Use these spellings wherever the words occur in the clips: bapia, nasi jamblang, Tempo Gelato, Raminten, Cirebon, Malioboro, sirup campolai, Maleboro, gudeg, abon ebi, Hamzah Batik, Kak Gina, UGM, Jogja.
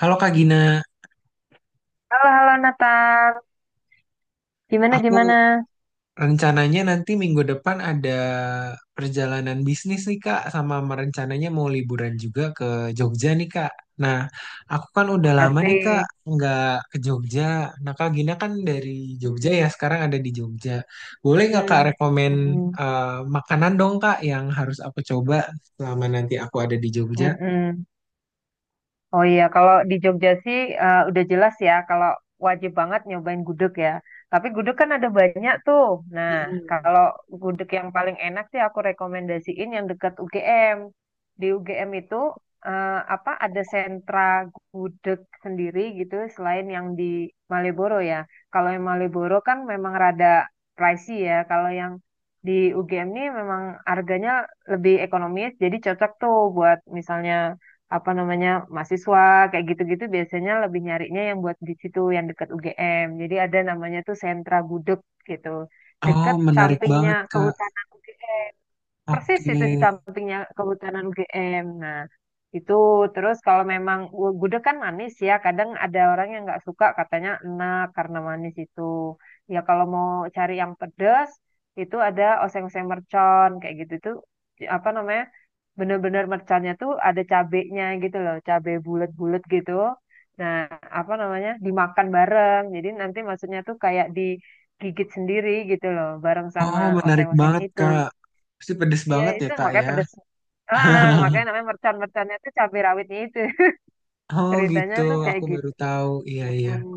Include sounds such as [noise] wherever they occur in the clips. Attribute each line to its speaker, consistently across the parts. Speaker 1: Halo Kak Gina, ya.
Speaker 2: Halo, halo Nathan. Gimana,
Speaker 1: Aku
Speaker 2: gimana?
Speaker 1: rencananya nanti minggu depan ada perjalanan bisnis nih Kak, sama merencananya mau liburan juga ke Jogja nih Kak. Nah, aku kan udah lama nih Kak
Speaker 2: Asik.
Speaker 1: nggak ke Jogja. Nah, Kak Gina kan dari Jogja ya,
Speaker 2: Mm-mm,
Speaker 1: sekarang ada di Jogja. Boleh nggak Kak
Speaker 2: mm-mm,
Speaker 1: rekomen
Speaker 2: mm-mm,
Speaker 1: eh, makanan dong Kak yang harus aku coba selama nanti aku ada di Jogja?
Speaker 2: mm-mm. Oh iya, kalau di Jogja sih udah jelas ya, kalau wajib banget nyobain gudeg ya. Tapi gudeg kan ada banyak tuh. Nah,
Speaker 1: Mm-mm.
Speaker 2: kalau gudeg yang paling enak sih aku rekomendasiin yang dekat UGM. Di UGM itu eh, apa ada sentra gudeg sendiri gitu selain yang di Maleboro ya. Kalau yang Maleboro kan memang rada pricey ya. Kalau yang di UGM ini memang harganya lebih ekonomis, jadi cocok tuh buat misalnya apa namanya mahasiswa kayak gitu-gitu biasanya lebih nyarinya yang buat di situ yang dekat UGM. Jadi ada namanya tuh sentra gudeg gitu.
Speaker 1: Oh,
Speaker 2: Dekat
Speaker 1: menarik
Speaker 2: sampingnya
Speaker 1: banget Kak.
Speaker 2: Kehutanan UGM persis itu di
Speaker 1: Oke.
Speaker 2: sampingnya Kehutanan UGM. Nah, itu terus kalau memang gudeg kan manis ya, kadang ada orang yang nggak suka katanya enak karena manis itu. Ya kalau mau cari yang pedas itu ada oseng-oseng mercon kayak gitu itu apa namanya? Bener-bener merconnya tuh ada cabenya gitu loh, cabe bulat-bulat gitu. Nah, apa namanya? Dimakan bareng. Jadi nanti maksudnya tuh kayak digigit sendiri gitu loh, bareng sama
Speaker 1: Oh, menarik
Speaker 2: oseng-osengnya
Speaker 1: banget,
Speaker 2: itu.
Speaker 1: Kak. Pasti pedes
Speaker 2: Iya
Speaker 1: banget ya,
Speaker 2: itu
Speaker 1: Kak,
Speaker 2: makanya
Speaker 1: ya.
Speaker 2: pedes. Ah, makanya
Speaker 1: [laughs]
Speaker 2: namanya mercon-merconnya tuh cabai rawitnya itu. [laughs]
Speaker 1: Oh,
Speaker 2: Ceritanya
Speaker 1: gitu.
Speaker 2: tuh kayak
Speaker 1: Aku
Speaker 2: gitu.
Speaker 1: baru tahu. Iya, iya.
Speaker 2: Hmm.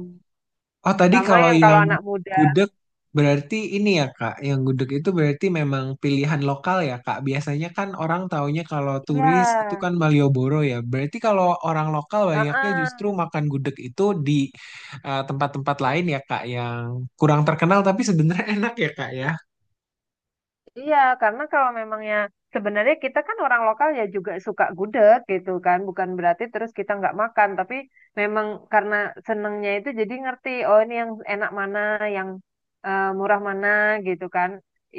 Speaker 1: Oh, tadi
Speaker 2: Sama
Speaker 1: kalau
Speaker 2: yang kalau
Speaker 1: yang
Speaker 2: anak muda.
Speaker 1: gudeg berarti ini ya, Kak. Yang gudeg itu berarti memang pilihan lokal ya, Kak. Biasanya kan orang taunya kalau turis itu
Speaker 2: Iya.
Speaker 1: kan Malioboro ya. Berarti kalau orang lokal banyaknya
Speaker 2: Heeh.
Speaker 1: justru makan gudeg itu di tempat-tempat lain ya, Kak, yang kurang terkenal tapi sebenarnya [laughs] enak ya, Kak, ya.
Speaker 2: Iya, karena kalau memangnya sebenarnya kita kan orang lokal ya juga suka gudeg gitu kan, bukan berarti terus kita nggak makan, tapi memang karena senengnya itu jadi ngerti, oh ini yang enak mana, yang murah mana gitu kan,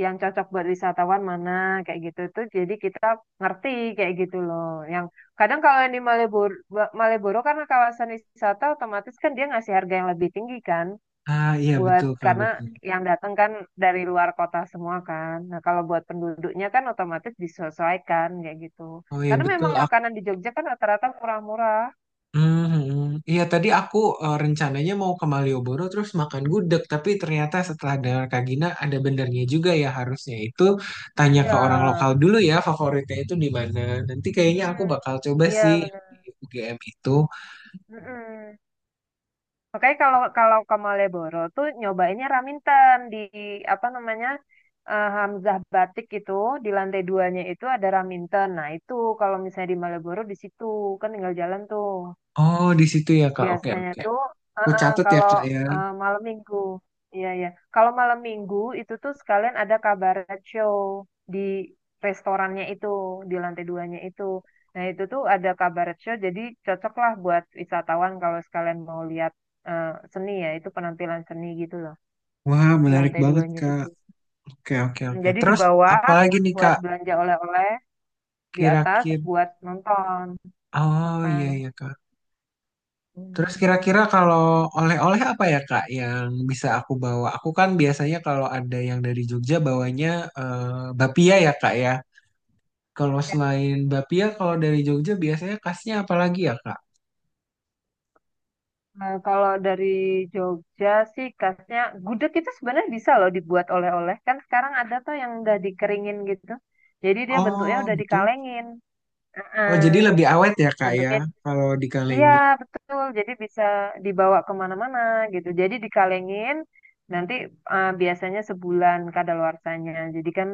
Speaker 2: yang cocok buat wisatawan mana kayak gitu tuh, jadi kita ngerti kayak gitu loh. Yang kadang kalau yang di Maleboro, Maleboro karena kawasan wisata otomatis kan dia ngasih harga yang lebih tinggi kan
Speaker 1: Ah, iya
Speaker 2: buat
Speaker 1: betul, Kak,
Speaker 2: karena
Speaker 1: betul.
Speaker 2: yang datang kan dari luar kota semua kan. Nah, kalau buat penduduknya kan otomatis disesuaikan kayak gitu.
Speaker 1: Oh iya
Speaker 2: Karena
Speaker 1: betul.
Speaker 2: memang makanan di Jogja kan rata-rata murah-murah.
Speaker 1: Mhm. Iya tadi aku rencananya mau ke Malioboro terus makan gudeg tapi ternyata setelah dengar Kak Gina ada benernya juga ya harusnya itu tanya ke
Speaker 2: Iya.
Speaker 1: orang lokal dulu ya favoritnya itu di mana. Nanti kayaknya aku
Speaker 2: Hmm.
Speaker 1: bakal coba
Speaker 2: Iya,
Speaker 1: sih
Speaker 2: bener.
Speaker 1: di UGM itu.
Speaker 2: Mm-mm. Makanya kalau kalau ke Malioboro tuh nyobainnya Raminten di apa namanya Hamzah Batik itu di lantai duanya itu ada Raminten. Nah itu kalau misalnya di Malioboro di situ kan tinggal jalan tuh.
Speaker 1: Oh di situ ya Kak. Oke
Speaker 2: Biasanya
Speaker 1: oke.
Speaker 2: tuh
Speaker 1: Aku catat ya
Speaker 2: kalau
Speaker 1: Kak ya.
Speaker 2: malam minggu, iya iya. Kalau malam minggu itu tuh sekalian ada kabaret show di restorannya itu, di lantai duanya itu. Nah itu tuh ada kabaret show, jadi cocok lah buat wisatawan kalau sekalian mau lihat eh, seni ya, itu penampilan seni gitu loh
Speaker 1: Wah
Speaker 2: di
Speaker 1: menarik
Speaker 2: lantai
Speaker 1: banget
Speaker 2: duanya
Speaker 1: Kak.
Speaker 2: itu.
Speaker 1: Oke oke oke.
Speaker 2: Jadi di
Speaker 1: Terus
Speaker 2: bawah
Speaker 1: apalagi nih
Speaker 2: buat
Speaker 1: Kak
Speaker 2: belanja oleh-oleh, di atas
Speaker 1: kira-kira.
Speaker 2: buat nonton,
Speaker 1: Oh
Speaker 2: makan.
Speaker 1: iya ya Kak.
Speaker 2: Hmm.
Speaker 1: Terus kira-kira kalau oleh-oleh apa ya Kak yang bisa aku bawa? Aku kan biasanya kalau ada yang dari Jogja bawanya bapia ya Kak ya. Kalau selain bapia, kalau dari Jogja biasanya khasnya apa lagi ya Kak?
Speaker 2: Nah, kalau dari Jogja sih khasnya gudeg itu sebenarnya bisa loh dibuat oleh-oleh kan sekarang ada tuh yang udah dikeringin gitu jadi dia bentuknya
Speaker 1: Oh
Speaker 2: udah
Speaker 1: gitu.
Speaker 2: dikalengin.
Speaker 1: Oh jadi
Speaker 2: Heeh.
Speaker 1: lebih awet ya Kak ya
Speaker 2: Bentuknya
Speaker 1: kalau di
Speaker 2: iya
Speaker 1: Kalengi.
Speaker 2: betul jadi bisa dibawa kemana-mana gitu jadi dikalengin nanti biasanya sebulan kadaluarsanya jadi kan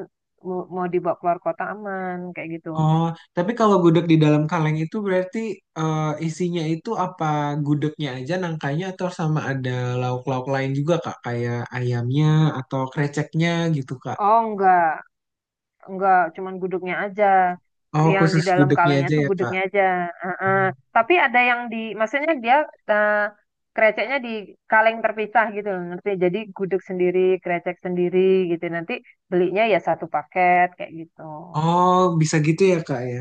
Speaker 2: mau mau dibawa keluar kota aman kayak gitu.
Speaker 1: Oh tapi kalau gudeg di dalam kaleng itu berarti isinya itu apa gudegnya aja nangkanya atau sama ada lauk-lauk lain juga Kak? Kayak ayamnya atau kreceknya gitu Kak?
Speaker 2: Oh enggak. Enggak, cuman gudegnya aja.
Speaker 1: Oh,
Speaker 2: Yang di
Speaker 1: khusus
Speaker 2: dalam
Speaker 1: gudegnya
Speaker 2: kalengnya
Speaker 1: aja
Speaker 2: itu
Speaker 1: ya, Kak.
Speaker 2: gudegnya aja. Heeh. Tapi ada yang di, maksudnya dia eh, kreceknya di kaleng terpisah gitu loh, ngerti? Jadi gudeg sendiri, krecek sendiri gitu. Nanti belinya ya satu paket kayak gitu.
Speaker 1: Oh, bisa gitu ya, Kak ya.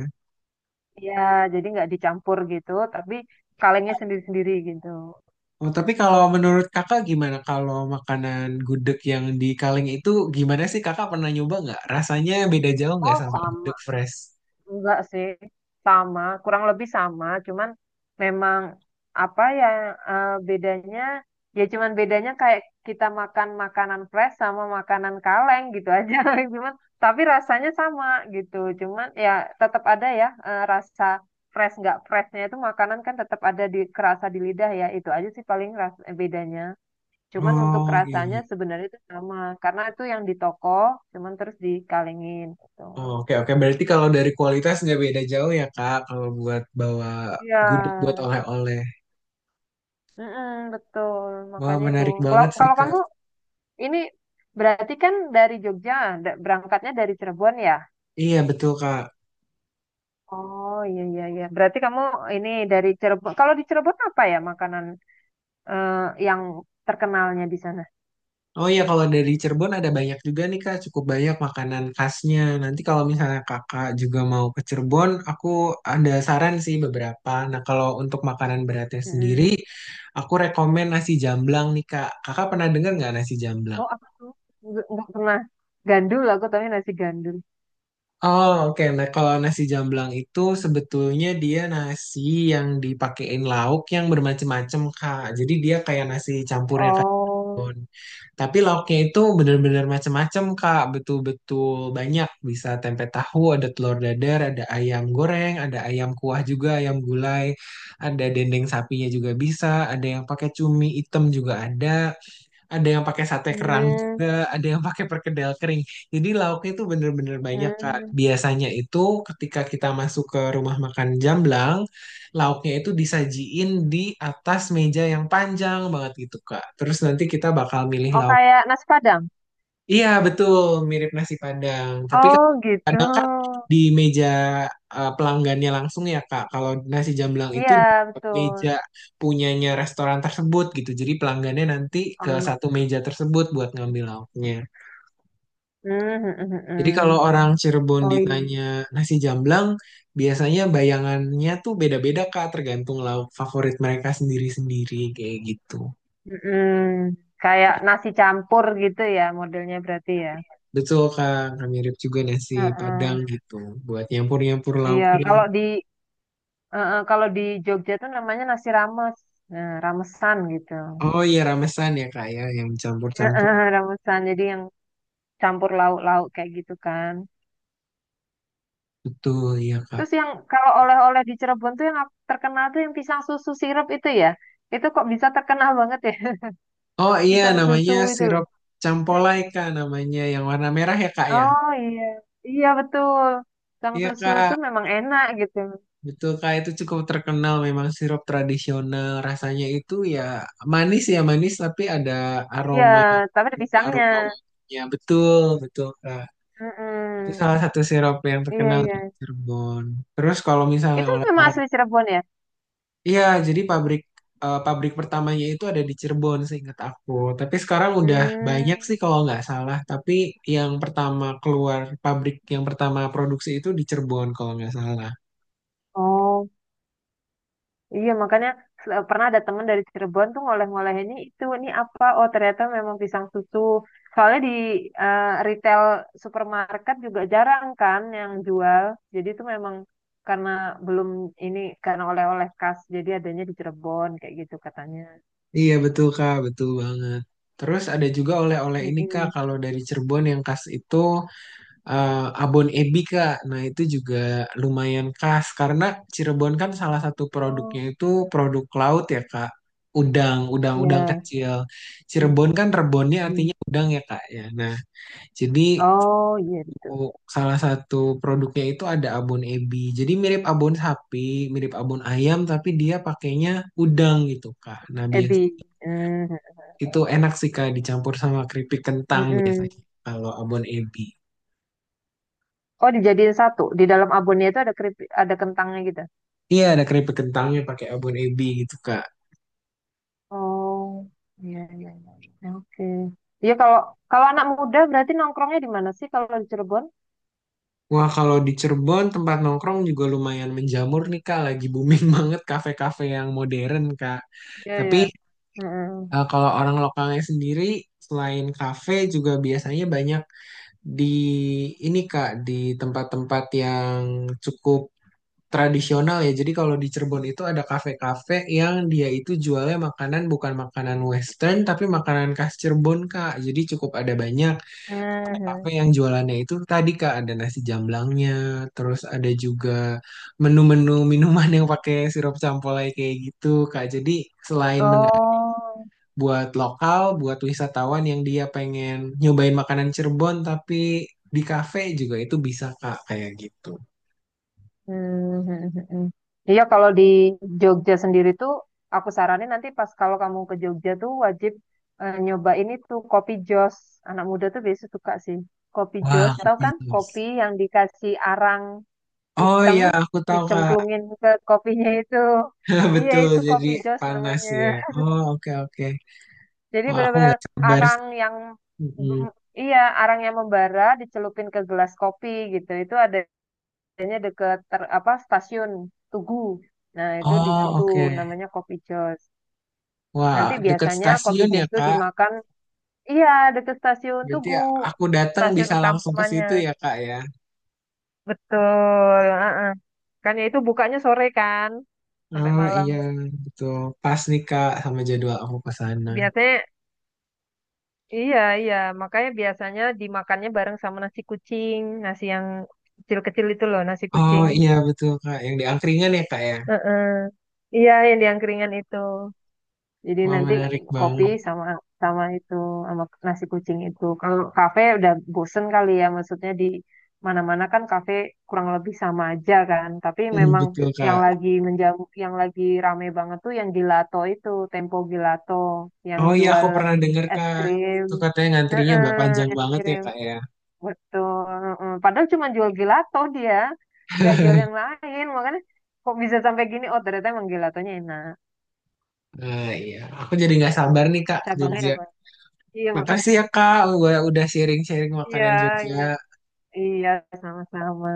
Speaker 2: Ya, jadi nggak dicampur gitu, tapi kalengnya sendiri-sendiri gitu.
Speaker 1: Oh, tapi kalau menurut Kakak gimana kalau makanan gudeg yang di kaleng itu gimana sih Kakak pernah nyoba nggak? Rasanya beda jauh nggak
Speaker 2: Oh,
Speaker 1: sama
Speaker 2: sama.
Speaker 1: gudeg fresh?
Speaker 2: Enggak sih, sama, kurang lebih sama, cuman memang apa yang bedanya, ya cuman bedanya kayak kita makan makanan fresh sama makanan kaleng gitu aja, [laughs] cuman tapi rasanya sama gitu, cuman ya tetap ada ya rasa fresh nggak freshnya itu makanan kan tetap ada di kerasa di lidah ya, itu aja sih paling bedanya. Cuman untuk
Speaker 1: Oh, iya,
Speaker 2: rasanya
Speaker 1: iya.
Speaker 2: sebenarnya itu sama, karena itu yang di toko, cuman terus dikalengin
Speaker 1: Oh,
Speaker 2: gitu.
Speaker 1: oke, oke. Berarti kalau dari kualitas nggak beda jauh ya, Kak, kalau buat bawa
Speaker 2: Iya,
Speaker 1: gudeg buat oleh-oleh.
Speaker 2: mm-mm, betul,
Speaker 1: Wah,
Speaker 2: makanya itu.
Speaker 1: menarik
Speaker 2: Kalau
Speaker 1: banget sih,
Speaker 2: kalau
Speaker 1: Kak.
Speaker 2: kamu ini berarti kan dari Jogja, berangkatnya dari Cirebon ya?
Speaker 1: Iya, betul, Kak.
Speaker 2: Oh iya iya iya. Berarti kamu ini dari Cirebon. Kalau di Cirebon apa ya makanan eh, yang terkenalnya di sana?
Speaker 1: Oh iya, kalau dari Cirebon ada banyak juga nih Kak, cukup banyak makanan khasnya. Nanti kalau misalnya Kakak juga mau ke Cirebon, aku ada saran sih beberapa. Nah, kalau untuk makanan beratnya sendiri,
Speaker 2: Mm-mm.
Speaker 1: aku rekomen nasi jamblang nih Kak. Kakak pernah dengar nggak nasi jamblang?
Speaker 2: Oh apa tuh? Nggak pernah. Gandul aku tapi nasi gandul.
Speaker 1: Oh oke, nah kalau nasi jamblang itu sebetulnya dia nasi yang dipakein lauk yang bermacam-macam Kak. Jadi dia kayak nasi campurnya Kak.
Speaker 2: Oh.
Speaker 1: Tapi lauknya itu bener-bener macem-macem, Kak. Betul-betul banyak. Bisa tempe tahu, ada telur dadar, ada ayam goreng, ada ayam kuah juga, ayam gulai, ada dendeng sapinya juga bisa, ada yang pakai cumi hitam juga ada yang pakai sate kerang
Speaker 2: Hmm.
Speaker 1: juga, ada yang pakai perkedel kering. Jadi lauknya itu bener-bener banyak, Kak.
Speaker 2: Hmm.
Speaker 1: Biasanya itu ketika kita masuk ke rumah makan Jamblang, lauknya itu disajiin di atas meja yang panjang banget gitu, Kak. Terus nanti kita bakal milih
Speaker 2: Oh
Speaker 1: lauk.
Speaker 2: kayak nasi Padang.
Speaker 1: Iya betul, mirip nasi Padang. Tapi kan
Speaker 2: Oh gitu.
Speaker 1: kadang di meja pelanggannya langsung ya Kak. Kalau nasi jamblang itu
Speaker 2: Iya
Speaker 1: di
Speaker 2: betul.
Speaker 1: meja punyanya restoran tersebut gitu. Jadi pelanggannya nanti ke
Speaker 2: Hmm.
Speaker 1: satu meja tersebut buat ngambil lauknya.
Speaker 2: Hmm, hmm, hmm,
Speaker 1: Jadi kalau
Speaker 2: hmm.
Speaker 1: orang Cirebon
Speaker 2: Oh iya. Iya.
Speaker 1: ditanya nasi jamblang, biasanya bayangannya tuh beda-beda Kak, tergantung lauk favorit mereka sendiri-sendiri kayak gitu.
Speaker 2: Mm-mm. Kayak nasi campur gitu ya modelnya berarti ya.
Speaker 1: Betul Kak, mirip juga nasi
Speaker 2: Heeh.
Speaker 1: Padang gitu buat nyampur-nyampur
Speaker 2: Iya,
Speaker 1: lauknya.
Speaker 2: kalau di heeh, kalau di Jogja tuh namanya nasi rames. Nah, ramesan gitu.
Speaker 1: Oh iya ramesan ya kak ya yang campur-campur
Speaker 2: Heeh, ramesan. Jadi yang campur lauk-lauk kayak gitu kan.
Speaker 1: betul ya kak.
Speaker 2: Terus yang kalau oleh-oleh di Cirebon tuh yang terkenal tuh yang pisang susu sirup itu ya. Itu kok bisa terkenal banget ya? [laughs]
Speaker 1: Oh iya
Speaker 2: Pisang
Speaker 1: namanya
Speaker 2: susu itu loh.
Speaker 1: sirup campolai kak namanya yang warna merah ya kak ya.
Speaker 2: Oh iya. Iya betul. Pisang
Speaker 1: Iya
Speaker 2: susu
Speaker 1: kak
Speaker 2: tuh memang enak gitu.
Speaker 1: betul kak itu cukup terkenal memang sirup tradisional rasanya itu ya manis tapi ada
Speaker 2: Iya,
Speaker 1: aroma
Speaker 2: tapi ada pisangnya.
Speaker 1: aroma wanginya betul betul kak. Itu
Speaker 2: Mm-mm.
Speaker 1: salah satu sirup yang
Speaker 2: Iya,
Speaker 1: terkenal di
Speaker 2: iya.
Speaker 1: Cirebon. Terus kalau misalnya
Speaker 2: Itu memang
Speaker 1: oleh-oleh.
Speaker 2: asli Cirebon ya?
Speaker 1: Iya, jadi pabrik pabrik pertamanya itu ada di Cirebon seingat aku. Tapi sekarang udah banyak
Speaker 2: Hmm.
Speaker 1: sih kalau nggak salah. Tapi yang pertama keluar pabrik yang pertama produksi itu di Cirebon kalau nggak salah.
Speaker 2: Oh, iya makanya pernah ada temen dari Cirebon tuh ngoleh-ngoleh ini itu ini apa? Oh, ternyata memang pisang susu. Soalnya di retail supermarket juga jarang kan yang jual. Jadi itu memang karena belum ini karena oleh-oleh khas jadi adanya di Cirebon kayak gitu katanya.
Speaker 1: Iya betul Kak, betul banget. Terus ada juga oleh-oleh ini Kak,
Speaker 2: Mm-mm.
Speaker 1: kalau dari Cirebon yang khas itu eh, abon ebi Kak. Nah, itu juga lumayan khas karena Cirebon kan salah satu
Speaker 2: Oh,
Speaker 1: produknya itu produk laut ya, Kak. Udang, udang-udang
Speaker 2: iya.
Speaker 1: kecil. Cirebon kan rebonnya
Speaker 2: Mm-mm.
Speaker 1: artinya udang ya, Kak ya. Nah, jadi
Speaker 2: Oh, iya gitu.
Speaker 1: salah satu produknya itu ada abon ebi. Jadi mirip abon sapi, mirip abon ayam tapi dia pakainya udang gitu, Kak. Nah, biasa
Speaker 2: Ebi. Mm.
Speaker 1: itu enak sih, Kak, dicampur sama keripik kentang
Speaker 2: Mm-mm.
Speaker 1: biasanya kalau abon ebi.
Speaker 2: Oh, dijadiin satu. Di dalam abonnya itu ada ada kentangnya gitu.
Speaker 1: Iya, ada keripik kentangnya pakai abon ebi gitu, Kak.
Speaker 2: Oh, iya iya iya. Iya. Oke. Iya kalau kalau anak muda berarti nongkrongnya di mana sih kalau di Cirebon?
Speaker 1: Wah, kalau di Cirebon tempat nongkrong juga lumayan menjamur nih, Kak. Lagi booming [laughs] banget kafe-kafe yang modern, Kak.
Speaker 2: Iya
Speaker 1: Tapi
Speaker 2: iya. Heeh.
Speaker 1: kalau orang lokalnya sendiri, selain kafe juga biasanya banyak di ini, Kak, di tempat-tempat yang cukup tradisional ya. Jadi kalau di Cirebon itu ada kafe-kafe yang dia itu jualnya makanan bukan makanan Western, tapi makanan khas Cirebon, Kak. Jadi cukup ada banyak.
Speaker 2: Mhm.
Speaker 1: Kafe yang jualannya itu tadi Kak ada nasi jamblangnya, terus ada juga menu-menu minuman yang pakai sirup campolai kayak gitu Kak. Jadi selain menarik
Speaker 2: Oh.
Speaker 1: buat lokal, buat wisatawan yang dia pengen nyobain makanan Cirebon tapi di kafe juga itu bisa Kak kayak gitu.
Speaker 2: Mhm. Iya kalau di Jogja sendiri tuh aku saranin nanti pas kalau kamu ke Jogja tuh wajib nyobain itu kopi jos. Anak muda tuh biasa suka sih. Kopi jos,
Speaker 1: Wah, Kak.
Speaker 2: tahu kan? Kopi yang dikasih arang.
Speaker 1: Oh
Speaker 2: Hitam
Speaker 1: iya, aku tahu Kak.
Speaker 2: dicemplungin ke kopinya itu.
Speaker 1: [laughs]
Speaker 2: Iya,
Speaker 1: Betul,
Speaker 2: itu
Speaker 1: jadi
Speaker 2: kopi Jos
Speaker 1: panas
Speaker 2: namanya.
Speaker 1: ya. Oh, oke oke.
Speaker 2: Jadi
Speaker 1: Wah, aku
Speaker 2: benar-benar
Speaker 1: nggak sabar
Speaker 2: arang
Speaker 1: sih.
Speaker 2: yang
Speaker 1: Mm-mm.
Speaker 2: bem- iya, arang yang membara dicelupin ke gelas kopi gitu. Itu adanya deket apa stasiun Tugu. Nah, itu di
Speaker 1: Oh,
Speaker 2: situ
Speaker 1: oke.
Speaker 2: namanya kopi Jos.
Speaker 1: Wah,
Speaker 2: Nanti
Speaker 1: dekat
Speaker 2: biasanya kopi
Speaker 1: stasiun ya,
Speaker 2: Jos itu
Speaker 1: Kak.
Speaker 2: dimakan, iya, deket stasiun
Speaker 1: Berarti
Speaker 2: Tugu,
Speaker 1: ya aku datang
Speaker 2: stasiun
Speaker 1: bisa langsung ke
Speaker 2: utamanya.
Speaker 1: situ ya kak ya.
Speaker 2: Betul, heeh. Kan ya itu bukanya sore kan sampai
Speaker 1: Oh
Speaker 2: malam.
Speaker 1: iya betul. Pas nih kak sama jadwal aku ke sana.
Speaker 2: Biasanya. Iya, iya. Makanya biasanya dimakannya bareng sama nasi kucing, nasi yang kecil-kecil itu loh, nasi
Speaker 1: Oh
Speaker 2: kucing.
Speaker 1: iya betul kak. Yang di angkringan ya kak ya.
Speaker 2: Heeh. Iya, yang itu. Jadi
Speaker 1: Wah
Speaker 2: nanti
Speaker 1: menarik
Speaker 2: kopi
Speaker 1: banget.
Speaker 2: sama sama itu sama nasi kucing itu. Kalau kafe udah bosen kali ya, maksudnya di mana-mana kan kafe kurang lebih sama aja kan. Tapi
Speaker 1: Hmm,
Speaker 2: memang
Speaker 1: betul
Speaker 2: yang
Speaker 1: kak.
Speaker 2: lagi menjamu, yang lagi rame banget tuh yang gelato itu, Tempo Gelato, yang
Speaker 1: Oh iya aku
Speaker 2: jual
Speaker 1: pernah dengar
Speaker 2: es
Speaker 1: kak.
Speaker 2: krim.
Speaker 1: Itu katanya ngantrinya
Speaker 2: Heeh,
Speaker 1: panjang
Speaker 2: es
Speaker 1: banget ya
Speaker 2: krim.
Speaker 1: kak ya.
Speaker 2: Betul. Mm. Padahal cuma jual gelato dia, nggak jual
Speaker 1: [laughs]
Speaker 2: yang lain. Makanya kok bisa sampai gini? Oh ternyata emang gelatonya enak.
Speaker 1: Nah iya. Aku jadi nggak sabar nih kak ke
Speaker 2: Cabangnya ada
Speaker 1: Jogja.
Speaker 2: banyak. Iya makanya.
Speaker 1: Makasih ya kak. Gua udah sharing-sharing
Speaker 2: Iya,
Speaker 1: makanan Jogja.
Speaker 2: iya. Iya, sama-sama.